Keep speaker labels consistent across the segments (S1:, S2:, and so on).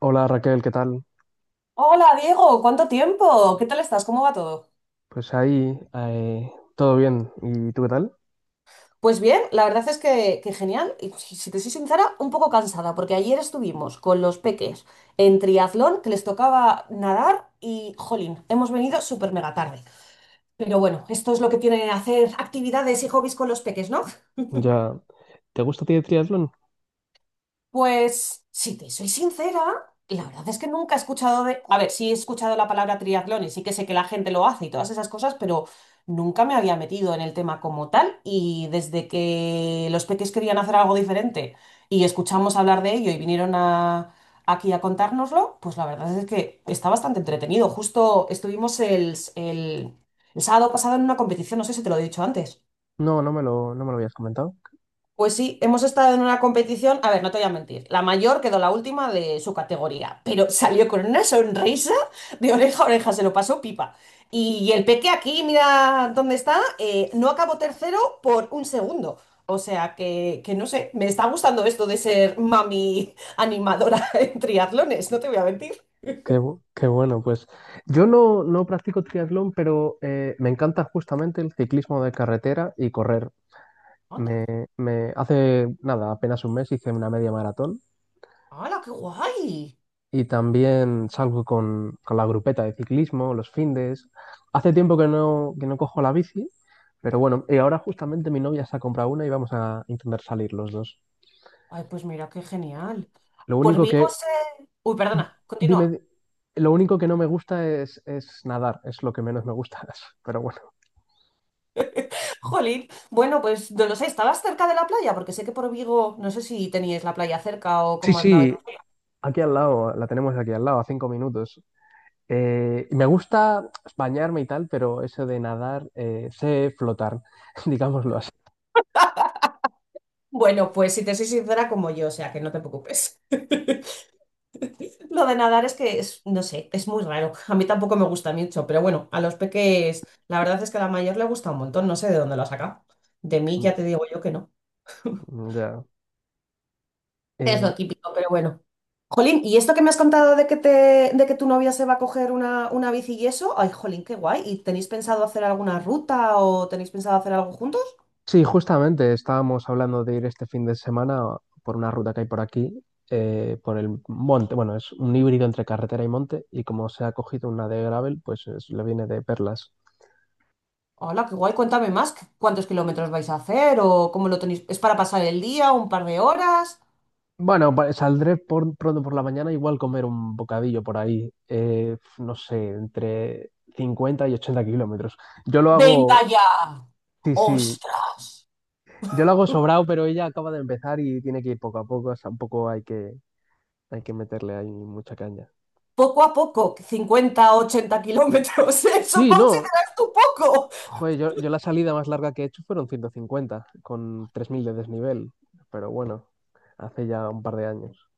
S1: Hola Raquel, ¿qué tal?
S2: Hola, Diego, ¿cuánto tiempo? ¿Qué tal estás? ¿Cómo va todo?
S1: Pues ahí, todo bien. ¿Y tú qué tal?
S2: Pues bien, la verdad es que genial. Y si te soy sincera, un poco cansada, porque ayer estuvimos con los peques en triatlón, que les tocaba nadar y, jolín, hemos venido súper mega tarde. Pero bueno, esto es lo que tiene hacer actividades y hobbies con los peques, ¿no?
S1: Ya, ¿te gusta a ti el triatlón?
S2: Pues, si te soy sincera, la verdad es que nunca he escuchado de... A ver, sí he escuchado la palabra triatlón y sí que sé que la gente lo hace y todas esas cosas, pero nunca me había metido en el tema como tal y desde que los peques querían hacer algo diferente y escuchamos hablar de ello y vinieron aquí a contárnoslo, pues la verdad es que está bastante entretenido. Justo estuvimos el sábado pasado en una competición, no sé si te lo he dicho antes.
S1: No, no me lo habías comentado.
S2: Pues sí, hemos estado en una competición, a ver, no te voy a mentir, la mayor quedó la última de su categoría, pero salió con una sonrisa de oreja a oreja, se lo pasó pipa. Y el peque aquí, mira dónde está, no acabó tercero por un segundo. O sea que no sé, me está gustando esto de ser mami animadora en triatlones, no te voy a mentir.
S1: Qué bueno, pues yo no practico triatlón, pero me encanta justamente el ciclismo de carretera y correr.
S2: Anda,
S1: Me, me hace nada, apenas un mes hice una media maratón
S2: ¡hala, qué guay!
S1: y también salgo con la grupeta de ciclismo, los findes. Hace tiempo que no cojo la bici, pero bueno, y ahora justamente mi novia se ha comprado una y vamos a intentar salir los dos.
S2: Ay, pues mira, qué genial.
S1: Lo
S2: Por
S1: único
S2: Vigo
S1: que,
S2: se... Uy, perdona,
S1: dime,
S2: continúa.
S1: di- lo único que no me gusta es nadar, es lo que menos me gusta, pero bueno.
S2: Jolín, bueno, pues no lo sé, ¿estabas cerca de la playa? Porque sé que por Vigo, no sé si teníais la playa cerca o
S1: Sí,
S2: cómo andabais.
S1: sí, aquí al lado, la tenemos aquí al lado, a 5 minutos. Me gusta bañarme y tal, pero eso de nadar, sé flotar, digámoslo así.
S2: Bueno, pues si te soy sincera como yo, o sea que no te preocupes. Lo de nadar es que es, no sé, es muy raro. A mí tampoco me gusta mucho, pero bueno, a los peques, la verdad es que a la mayor le gusta un montón, no sé de dónde lo ha sacado. De mí ya
S1: Mm.
S2: te digo yo que no.
S1: Ya.
S2: Es
S1: Eh,
S2: lo típico, pero bueno. Jolín, ¿y esto que me has contado de de que tu novia se va a coger una bici y eso? Ay, jolín, qué guay. ¿Y tenéis pensado hacer alguna ruta o tenéis pensado hacer algo juntos?
S1: Sí, justamente estábamos hablando de ir este fin de semana por una ruta que hay por aquí, por el monte. Bueno, es un híbrido entre carretera y monte, y como se ha cogido una de gravel, pues le viene de perlas.
S2: Hola, qué guay, cuéntame más. ¿Cuántos kilómetros vais a hacer o cómo lo tenéis? ¿Es para pasar el día, un par de horas?
S1: Bueno, saldré pronto por la mañana, igual comer un bocadillo por ahí, no sé, entre 50 y 80 kilómetros. Yo lo
S2: ¡Venga
S1: hago,
S2: ya!
S1: sí, sí,
S2: ¡Ostras!
S1: yo lo hago sobrado, pero ella acaba de empezar y tiene que ir poco a poco, o sea, un poco hay que meterle ahí mucha caña.
S2: Poco a poco, 50-80 kilómetros. ¿Eso
S1: Sí, no.
S2: consideras tú poco?
S1: Joder, yo la salida más larga que he hecho fueron 150, con 3.000 de desnivel, pero bueno, hace ya un par de años.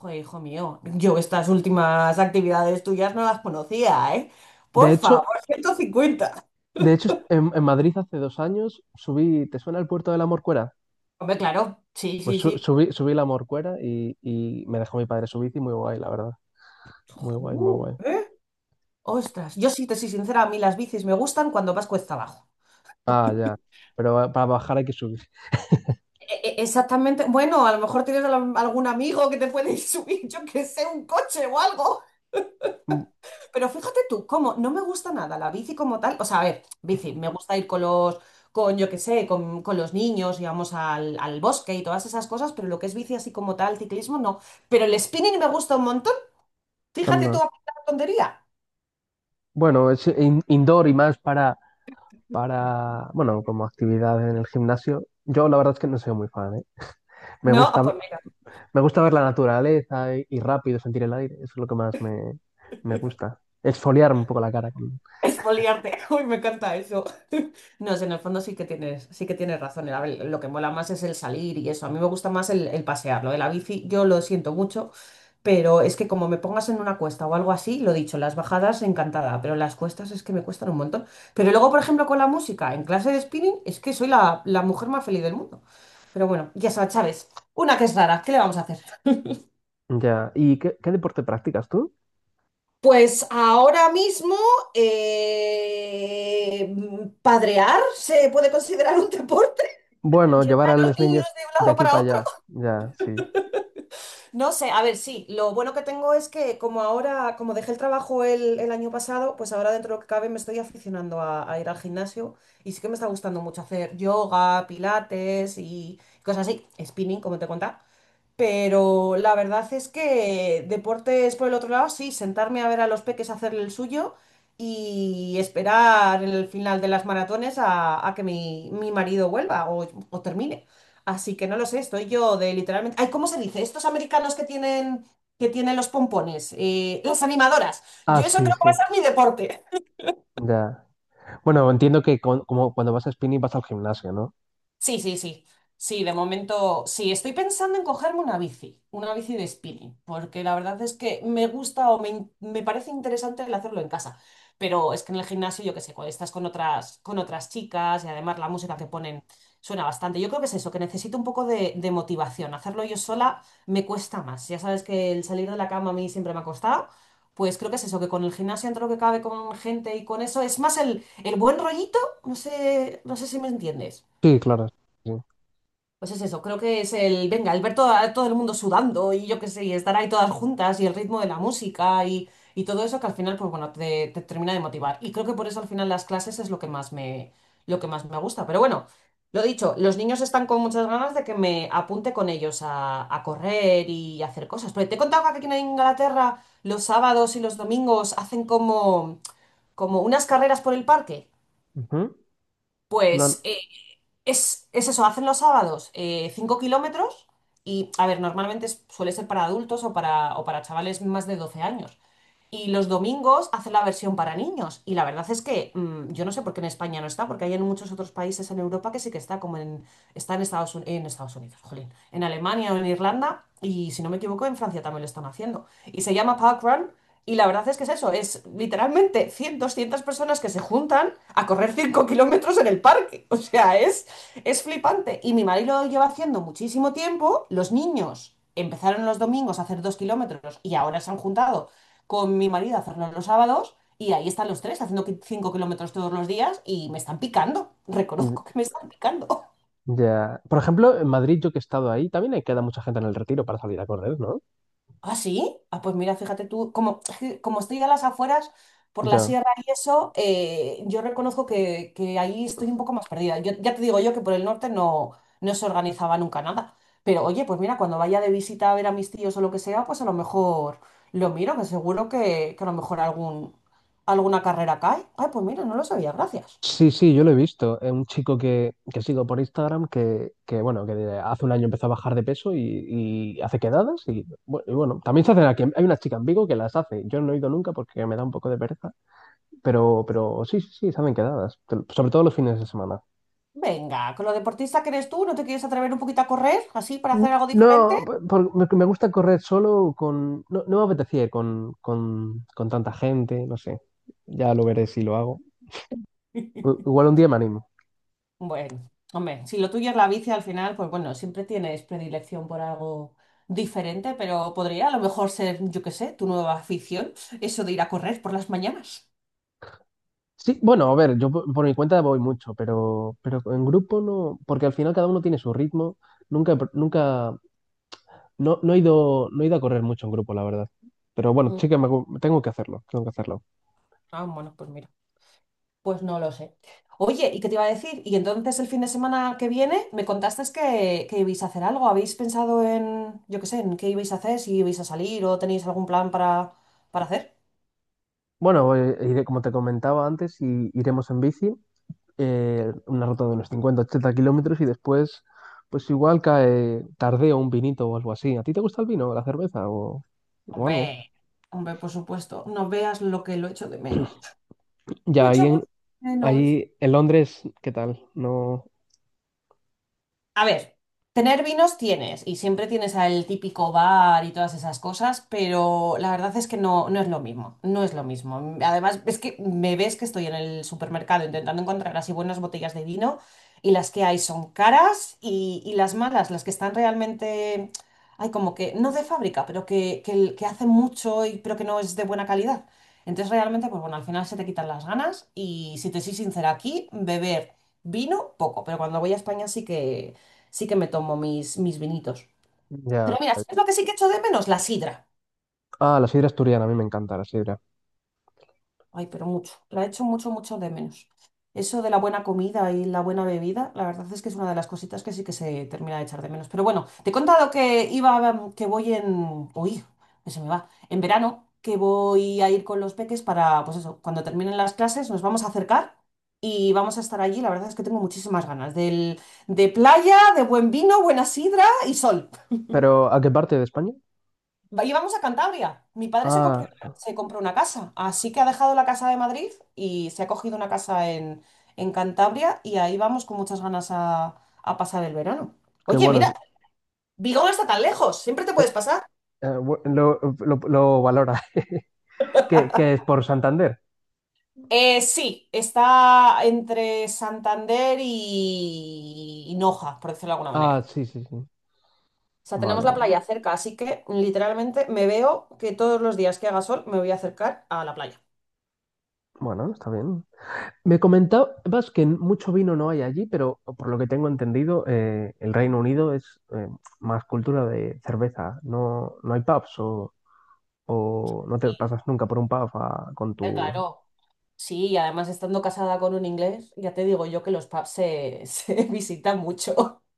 S2: Joder, hijo mío, yo estas últimas actividades tuyas no las conocía, ¿eh?
S1: De
S2: Por
S1: hecho,
S2: favor, 150.
S1: de hecho en Madrid hace 2 años subí. ¿Te suena el puerto de la Morcuera?
S2: Hombre, claro, sí,
S1: Pues
S2: sí,
S1: su-
S2: sí.
S1: subí, subí la Morcuera y me dejó mi padre su bici, muy guay, la verdad. Muy guay,
S2: Ju,
S1: muy guay.
S2: ¿eh? Ostras, yo sí te soy sincera, a mí las bicis me gustan cuando vas cuesta abajo.
S1: Ah, ya. Pero para bajar hay que subir.
S2: E- e- exactamente, bueno, a lo mejor tienes algún amigo que te puede subir, yo que sé, un coche o algo.
S1: Mm.
S2: Pero fíjate tú, cómo no me gusta nada la bici como tal. O sea, a ver, bici, me gusta ir con con yo qué sé, con los niños y vamos al bosque y todas esas cosas, pero lo que es bici así como tal, ciclismo, no. Pero el spinning me gusta un montón. Fíjate tú,
S1: Anda.
S2: a la tontería.
S1: Bueno, es indoor y más para, bueno, como actividad en el gimnasio. Yo la verdad es que no soy muy fan, ¿eh? Me
S2: No, ah,
S1: gusta
S2: pues
S1: Me gusta ver la naturaleza y rápido sentir el aire, eso es lo que más me gusta. Exfoliarme un poco la cara.
S2: expoliarte. Uy, me encanta eso. No sé, en el fondo sí que tienes razón. A ver, lo que mola más es el salir y eso. A mí me gusta más el pasear. Lo de la bici, yo lo siento mucho, pero es que como me pongas en una cuesta o algo así, lo dicho, las bajadas encantada, pero las cuestas es que me cuestan un montón. Pero luego, por ejemplo, con la música, en clase de spinning, es que soy la mujer más feliz del mundo. Pero bueno, ya sabes, Chávez, una que es rara, ¿qué le vamos a hacer?
S1: Ya. ¿Y qué deporte practicas tú?
S2: Pues ahora mismo eh, padrear se puede considerar un deporte,
S1: Bueno, llevar
S2: llevar
S1: a
S2: a los
S1: los
S2: niños
S1: niños
S2: de un
S1: de
S2: lado
S1: aquí
S2: para
S1: para
S2: otro.
S1: allá. Ya, sí.
S2: No sé, a ver, sí, lo bueno que tengo es que como ahora, como dejé el trabajo el año pasado, pues ahora dentro de lo que cabe me estoy aficionando a ir al gimnasio y sí que me está gustando mucho hacer yoga, pilates y cosas así, spinning, como te contaba. Pero la verdad es que deportes por el otro lado, sí, sentarme a ver a los peques hacerle el suyo y esperar el final de las maratones a que mi marido vuelva o termine. Así que no lo sé, estoy yo de literalmente. Ay, ¿cómo se dice? Estos americanos que tienen los pompones, las animadoras.
S1: Ah,
S2: Yo eso
S1: sí,
S2: creo que
S1: sí.
S2: va a ser mi deporte.
S1: Ya. Bueno, entiendo que como cuando vas a spinning vas al gimnasio, ¿no?
S2: Sí, sí, sí. Sí, de momento sí, estoy pensando en cogerme una bici de spinning, porque la verdad es que me gusta o me parece interesante el hacerlo en casa, pero es que en el gimnasio, yo qué sé, cuando estás con con otras chicas y además la música que ponen suena bastante. Yo creo que es eso, que necesito un poco de motivación. Hacerlo yo sola me cuesta más. Ya sabes que el salir de la cama a mí siempre me ha costado. Pues creo que es eso, que con el gimnasio entre lo que cabe con gente y con eso, es más el buen rollito, no sé, no sé si me entiendes.
S1: Sí, claro. Sí.
S2: Pues es eso, creo que es el, venga, el ver todo el mundo sudando y yo qué sé, y estar ahí todas juntas y el ritmo de la música y todo eso que al final, pues bueno, te termina de motivar. Y creo que por eso al final las clases es lo que lo que más me gusta. Pero bueno, lo dicho, los niños están con muchas ganas de que me apunte con ellos a correr y a hacer cosas. Pero te he contado que aquí en Inglaterra los sábados y los domingos hacen como unas carreras por el parque.
S1: Ujú. No,
S2: Pues... es eso, hacen los sábados 5 kilómetros y, a ver, normalmente suele ser para adultos o para chavales más de 12 años. Y los domingos hacen la versión para niños. Y la verdad es que yo no sé por qué en España no está, porque hay en muchos otros países en Europa que sí que está, como está en en Estados Unidos, jolín, en Alemania o en Irlanda, y si no me equivoco, en Francia también lo están haciendo. Y se llama Parkrun, y la verdad es que es eso, es literalmente 100-200 personas que se juntan a correr 5 kilómetros en el parque. O sea, es flipante. Y mi marido lo lleva haciendo muchísimo tiempo, los niños. Empezaron los domingos a hacer 2 kilómetros y ahora se han juntado con mi marido a hacerlo los sábados y ahí están los tres haciendo 5 kilómetros todos los días y me están picando.
S1: mm,
S2: Reconozco que me están picando.
S1: ya. Por ejemplo, en Madrid, yo que he estado ahí, también hay queda mucha gente en el Retiro para salir a correr, ¿no?
S2: ¿Ah, sí? Ah, pues mira, fíjate tú, como, como estoy a las afueras por la
S1: Ya.
S2: sierra y eso, yo reconozco que ahí estoy un poco más perdida. Yo, ya te digo yo que por el norte no se organizaba nunca nada. Pero oye, pues mira, cuando vaya de visita a ver a mis tíos o lo que sea, pues a lo mejor lo miro, que seguro que a lo mejor alguna carrera cae. Ay, pues mira, no lo sabía, gracias.
S1: Sí, sí, yo lo he visto. Es un chico que sigo por Instagram bueno, que hace un año empezó a bajar de peso y hace quedadas y bueno, también se hacen aquí. Hay una chica en Vigo que las hace. Yo no he ido nunca porque me da un poco de pereza, pero sí, sí, sí, se hacen quedadas, sobre todo los fines de semana.
S2: Venga, con lo deportista que eres tú, ¿no te quieres atrever un poquito a correr así para hacer algo diferente?
S1: No, me gusta correr solo con... No, no me apetecía ir con tanta gente, no sé. Ya lo veré si lo hago. Igual un día me animo.
S2: Bueno, hombre, si lo tuyo es la bici al final, pues bueno, siempre tienes predilección por algo diferente, pero podría a lo mejor ser, yo qué sé, tu nueva afición, eso de ir a correr por las mañanas.
S1: Sí, bueno, a ver, yo por mi cuenta voy mucho, pero en grupo no, porque al final cada uno tiene su ritmo. Nunca, he pr- nunca, No he ido a correr mucho en grupo, la verdad. Pero bueno,
S2: Mm.
S1: sí que tengo que hacerlo, tengo que hacerlo.
S2: Ah, bueno, pues mira, pues no lo sé. Oye, ¿y qué te iba a decir? Y entonces el fin de semana que viene me contaste que ibais a hacer algo. ¿Habéis pensado en, yo qué sé, en qué ibais a hacer, si ibais a salir o tenéis algún plan para hacer?
S1: Bueno, iré, como te comentaba antes, y iremos en bici, una ruta de unos 50, 80 kilómetros y después, pues igual cae tardeo un vinito o algo así. ¿A ti te gusta el vino, la cerveza o algo?
S2: Hombre, hombre, por supuesto, no veas lo que lo echo de menos. Lo
S1: Ya, ahí
S2: echo mucho
S1: en,
S2: de menos.
S1: ahí en Londres, ¿qué tal? No,
S2: A ver, tener vinos tienes y siempre tienes al típico bar y todas esas cosas, pero la verdad es que no, no es lo mismo, no es lo mismo. Además, es que me ves que estoy en el supermercado intentando encontrar así buenas botellas de vino y las que hay son caras y las malas, las que están realmente, hay como que, no de fábrica, pero que hace mucho y pero que no es de buena calidad. Entonces realmente, pues bueno, al final se te quitan las ganas y si te soy sincera, aquí beber vino poco, pero cuando voy a España sí que me tomo mis vinitos.
S1: ya.
S2: Pero mira, ¿sabes lo que sí que echo de menos? La sidra.
S1: Ah, la sidra asturiana, a mí me encanta la sidra.
S2: Ay, pero mucho. La echo mucho, mucho de menos. Eso de la buena comida y la buena bebida, la verdad es que es una de las cositas que sí que se termina de echar de menos. Pero bueno, te he contado que que voy en... Uy, que se me va. En verano, que voy a ir con los peques para, pues eso, cuando terminen las clases nos vamos a acercar y vamos a estar allí. La verdad es que tengo muchísimas ganas del, de playa, de buen vino, buena sidra y sol.
S1: Pero, ¿a qué parte de España?
S2: Íbamos a Cantabria. Mi padre
S1: Ah,
S2: se compró una casa, así que ha dejado la casa de Madrid y se ha cogido una casa en Cantabria y ahí vamos con muchas ganas a pasar el verano.
S1: qué
S2: Oye,
S1: bueno.
S2: mira, Vigo no está tan lejos, siempre te puedes pasar.
S1: Eh, bu- lo, lo valora. ¿Qué es por Santander?
S2: Sí, está entre Santander y Noja, por decirlo de alguna
S1: Ah,
S2: manera.
S1: sí, sí, sí.
S2: O sea, tenemos
S1: Vale,
S2: la
S1: vale.
S2: playa cerca, así que literalmente me veo que todos los días que haga sol me voy a acercar a la playa.
S1: Bueno, está bien. Me comentabas que mucho vino no hay allí, pero por lo que tengo entendido, el Reino Unido es más cultura de cerveza. No hay pubs o no te
S2: Sí,
S1: pasas nunca por un pub con tu...
S2: claro. Sí, y además estando casada con un inglés, ya te digo yo que se visitan mucho.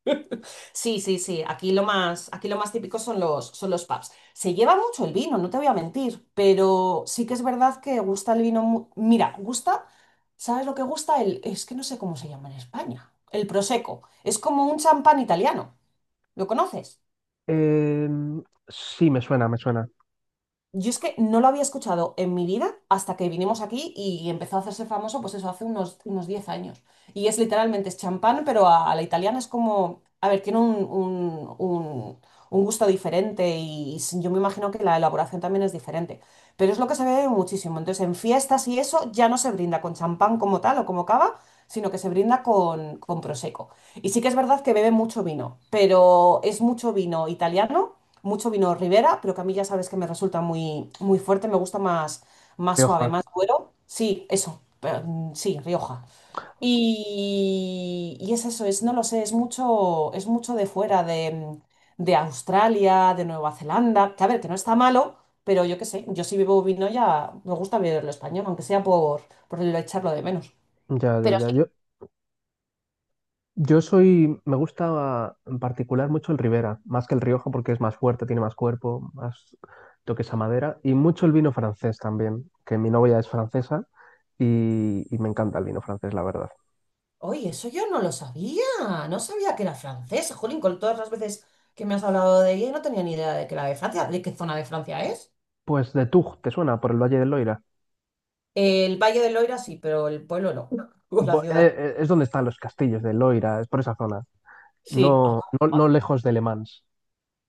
S2: Sí, sí, sí. Aquí lo más típico son los pubs. Se lleva mucho el vino, no te voy a mentir, pero sí que es verdad que gusta el vino. Mira, gusta, ¿sabes lo que gusta? El, es que no sé cómo se llama en España. El prosecco. Es como un champán italiano. ¿Lo conoces?
S1: Sí, me suena, me suena.
S2: Yo es que no lo había escuchado en mi vida hasta que vinimos aquí y empezó a hacerse famoso, pues eso, hace unos, unos 10 años. Y es literalmente, es champán, pero a la italiana es como, a ver, tiene un, un gusto diferente y yo me imagino que la elaboración también es diferente. Pero es lo que se ve muchísimo. Entonces, en fiestas y eso ya no se brinda con champán como tal o como cava, sino que se brinda con prosecco. Y sí que es verdad que beben mucho vino, pero es mucho vino italiano, mucho vino Ribera, pero que a mí ya sabes que me resulta muy, muy fuerte, me gusta más, más suave,
S1: Rioja.
S2: más duro. Sí, eso, sí, Rioja. Y es eso, es, no lo sé, es mucho de fuera, de Australia, de Nueva Zelanda, que a ver, que no está malo, pero yo qué sé, yo si bebo vino ya me gusta beberlo español, aunque sea por el echarlo de menos.
S1: Ya, ya, ya. Me gusta en particular mucho el Ribera, más que el Rioja porque es más fuerte, tiene más cuerpo, más toques a madera y mucho el vino francés también, que mi novia es francesa y me encanta el vino francés, la verdad.
S2: Oye, eso yo no lo sabía. No sabía que era francesa. Jolín, con todas las veces que me has hablado de ella, no tenía ni idea de que era de Francia, de qué zona de Francia es.
S1: Pues de Tug, ¿te suena? Por el Valle del Loira.
S2: El Valle del Loira sí, pero el pueblo no. O la
S1: Bo- eh,
S2: ciudad.
S1: eh, es donde están los castillos de Loira, es por esa zona,
S2: Sí. Ah,
S1: no
S2: vale.
S1: lejos de Le Mans.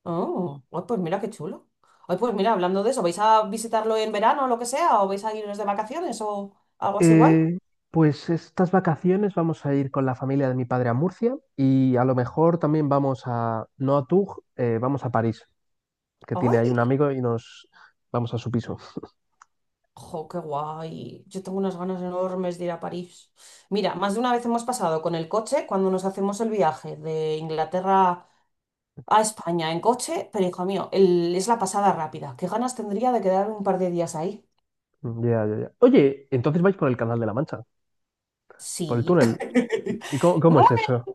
S2: Oh, ay, pues mira qué chulo. Ay, pues mira, hablando de eso, ¿vais a visitarlo en verano o lo que sea? ¿O vais a iros de vacaciones o algo así guay?
S1: Eh, pues estas vacaciones vamos a ir con la familia de mi padre a Murcia y a lo mejor también vamos a, no a Tug, vamos a París. Que tiene ahí un
S2: ¡Ay!
S1: amigo y nos vamos a su piso.
S2: ¡Jo, qué guay! Yo tengo unas ganas enormes de ir a París. Mira, más de una vez hemos pasado con el coche cuando nos hacemos el viaje de Inglaterra a España en coche, pero hijo mío, es la pasada rápida. ¿Qué ganas tendría de quedar un par de días ahí?
S1: Ya, ya, ya. Oye, entonces vais por el Canal de la Mancha, por el
S2: Sí.
S1: túnel. ¿Y cómo es eso?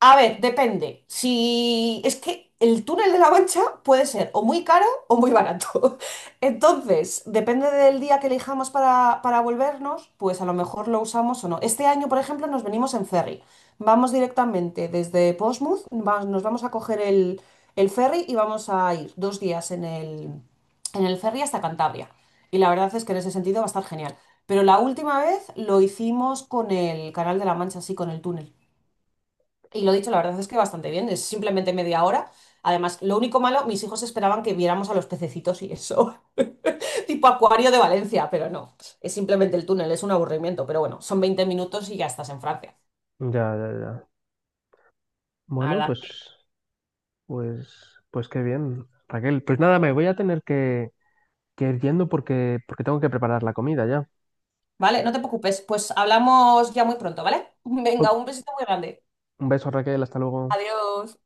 S2: A ver, depende. Si es que el túnel de la Mancha puede ser o muy caro o muy barato. Entonces, depende del día que elijamos para volvernos, pues a lo mejor lo usamos o no. Este año, por ejemplo, nos venimos en ferry. Vamos directamente desde Portsmouth, nos vamos a coger el ferry y vamos a ir 2 días en el ferry hasta Cantabria. Y la verdad es que en ese sentido va a estar genial. Pero la última vez lo hicimos con el Canal de la Mancha, sí, con el túnel. Y lo dicho, la verdad es que bastante bien, es simplemente media hora. Además, lo único malo, mis hijos esperaban que viéramos a los pececitos y eso, tipo acuario de Valencia, pero no, es simplemente el túnel, es un aburrimiento, pero bueno, son 20 minutos y ya estás en Francia.
S1: Ya, ya, ya.
S2: La
S1: Bueno,
S2: verdad. que-
S1: pues qué bien, Raquel. Pues nada, me voy a tener que ir yendo porque tengo que preparar la comida ya.
S2: Vale, no te preocupes, pues hablamos ya muy pronto, ¿vale? Venga,
S1: Oh.
S2: un besito muy grande.
S1: Un beso, Raquel, hasta luego.
S2: Adiós.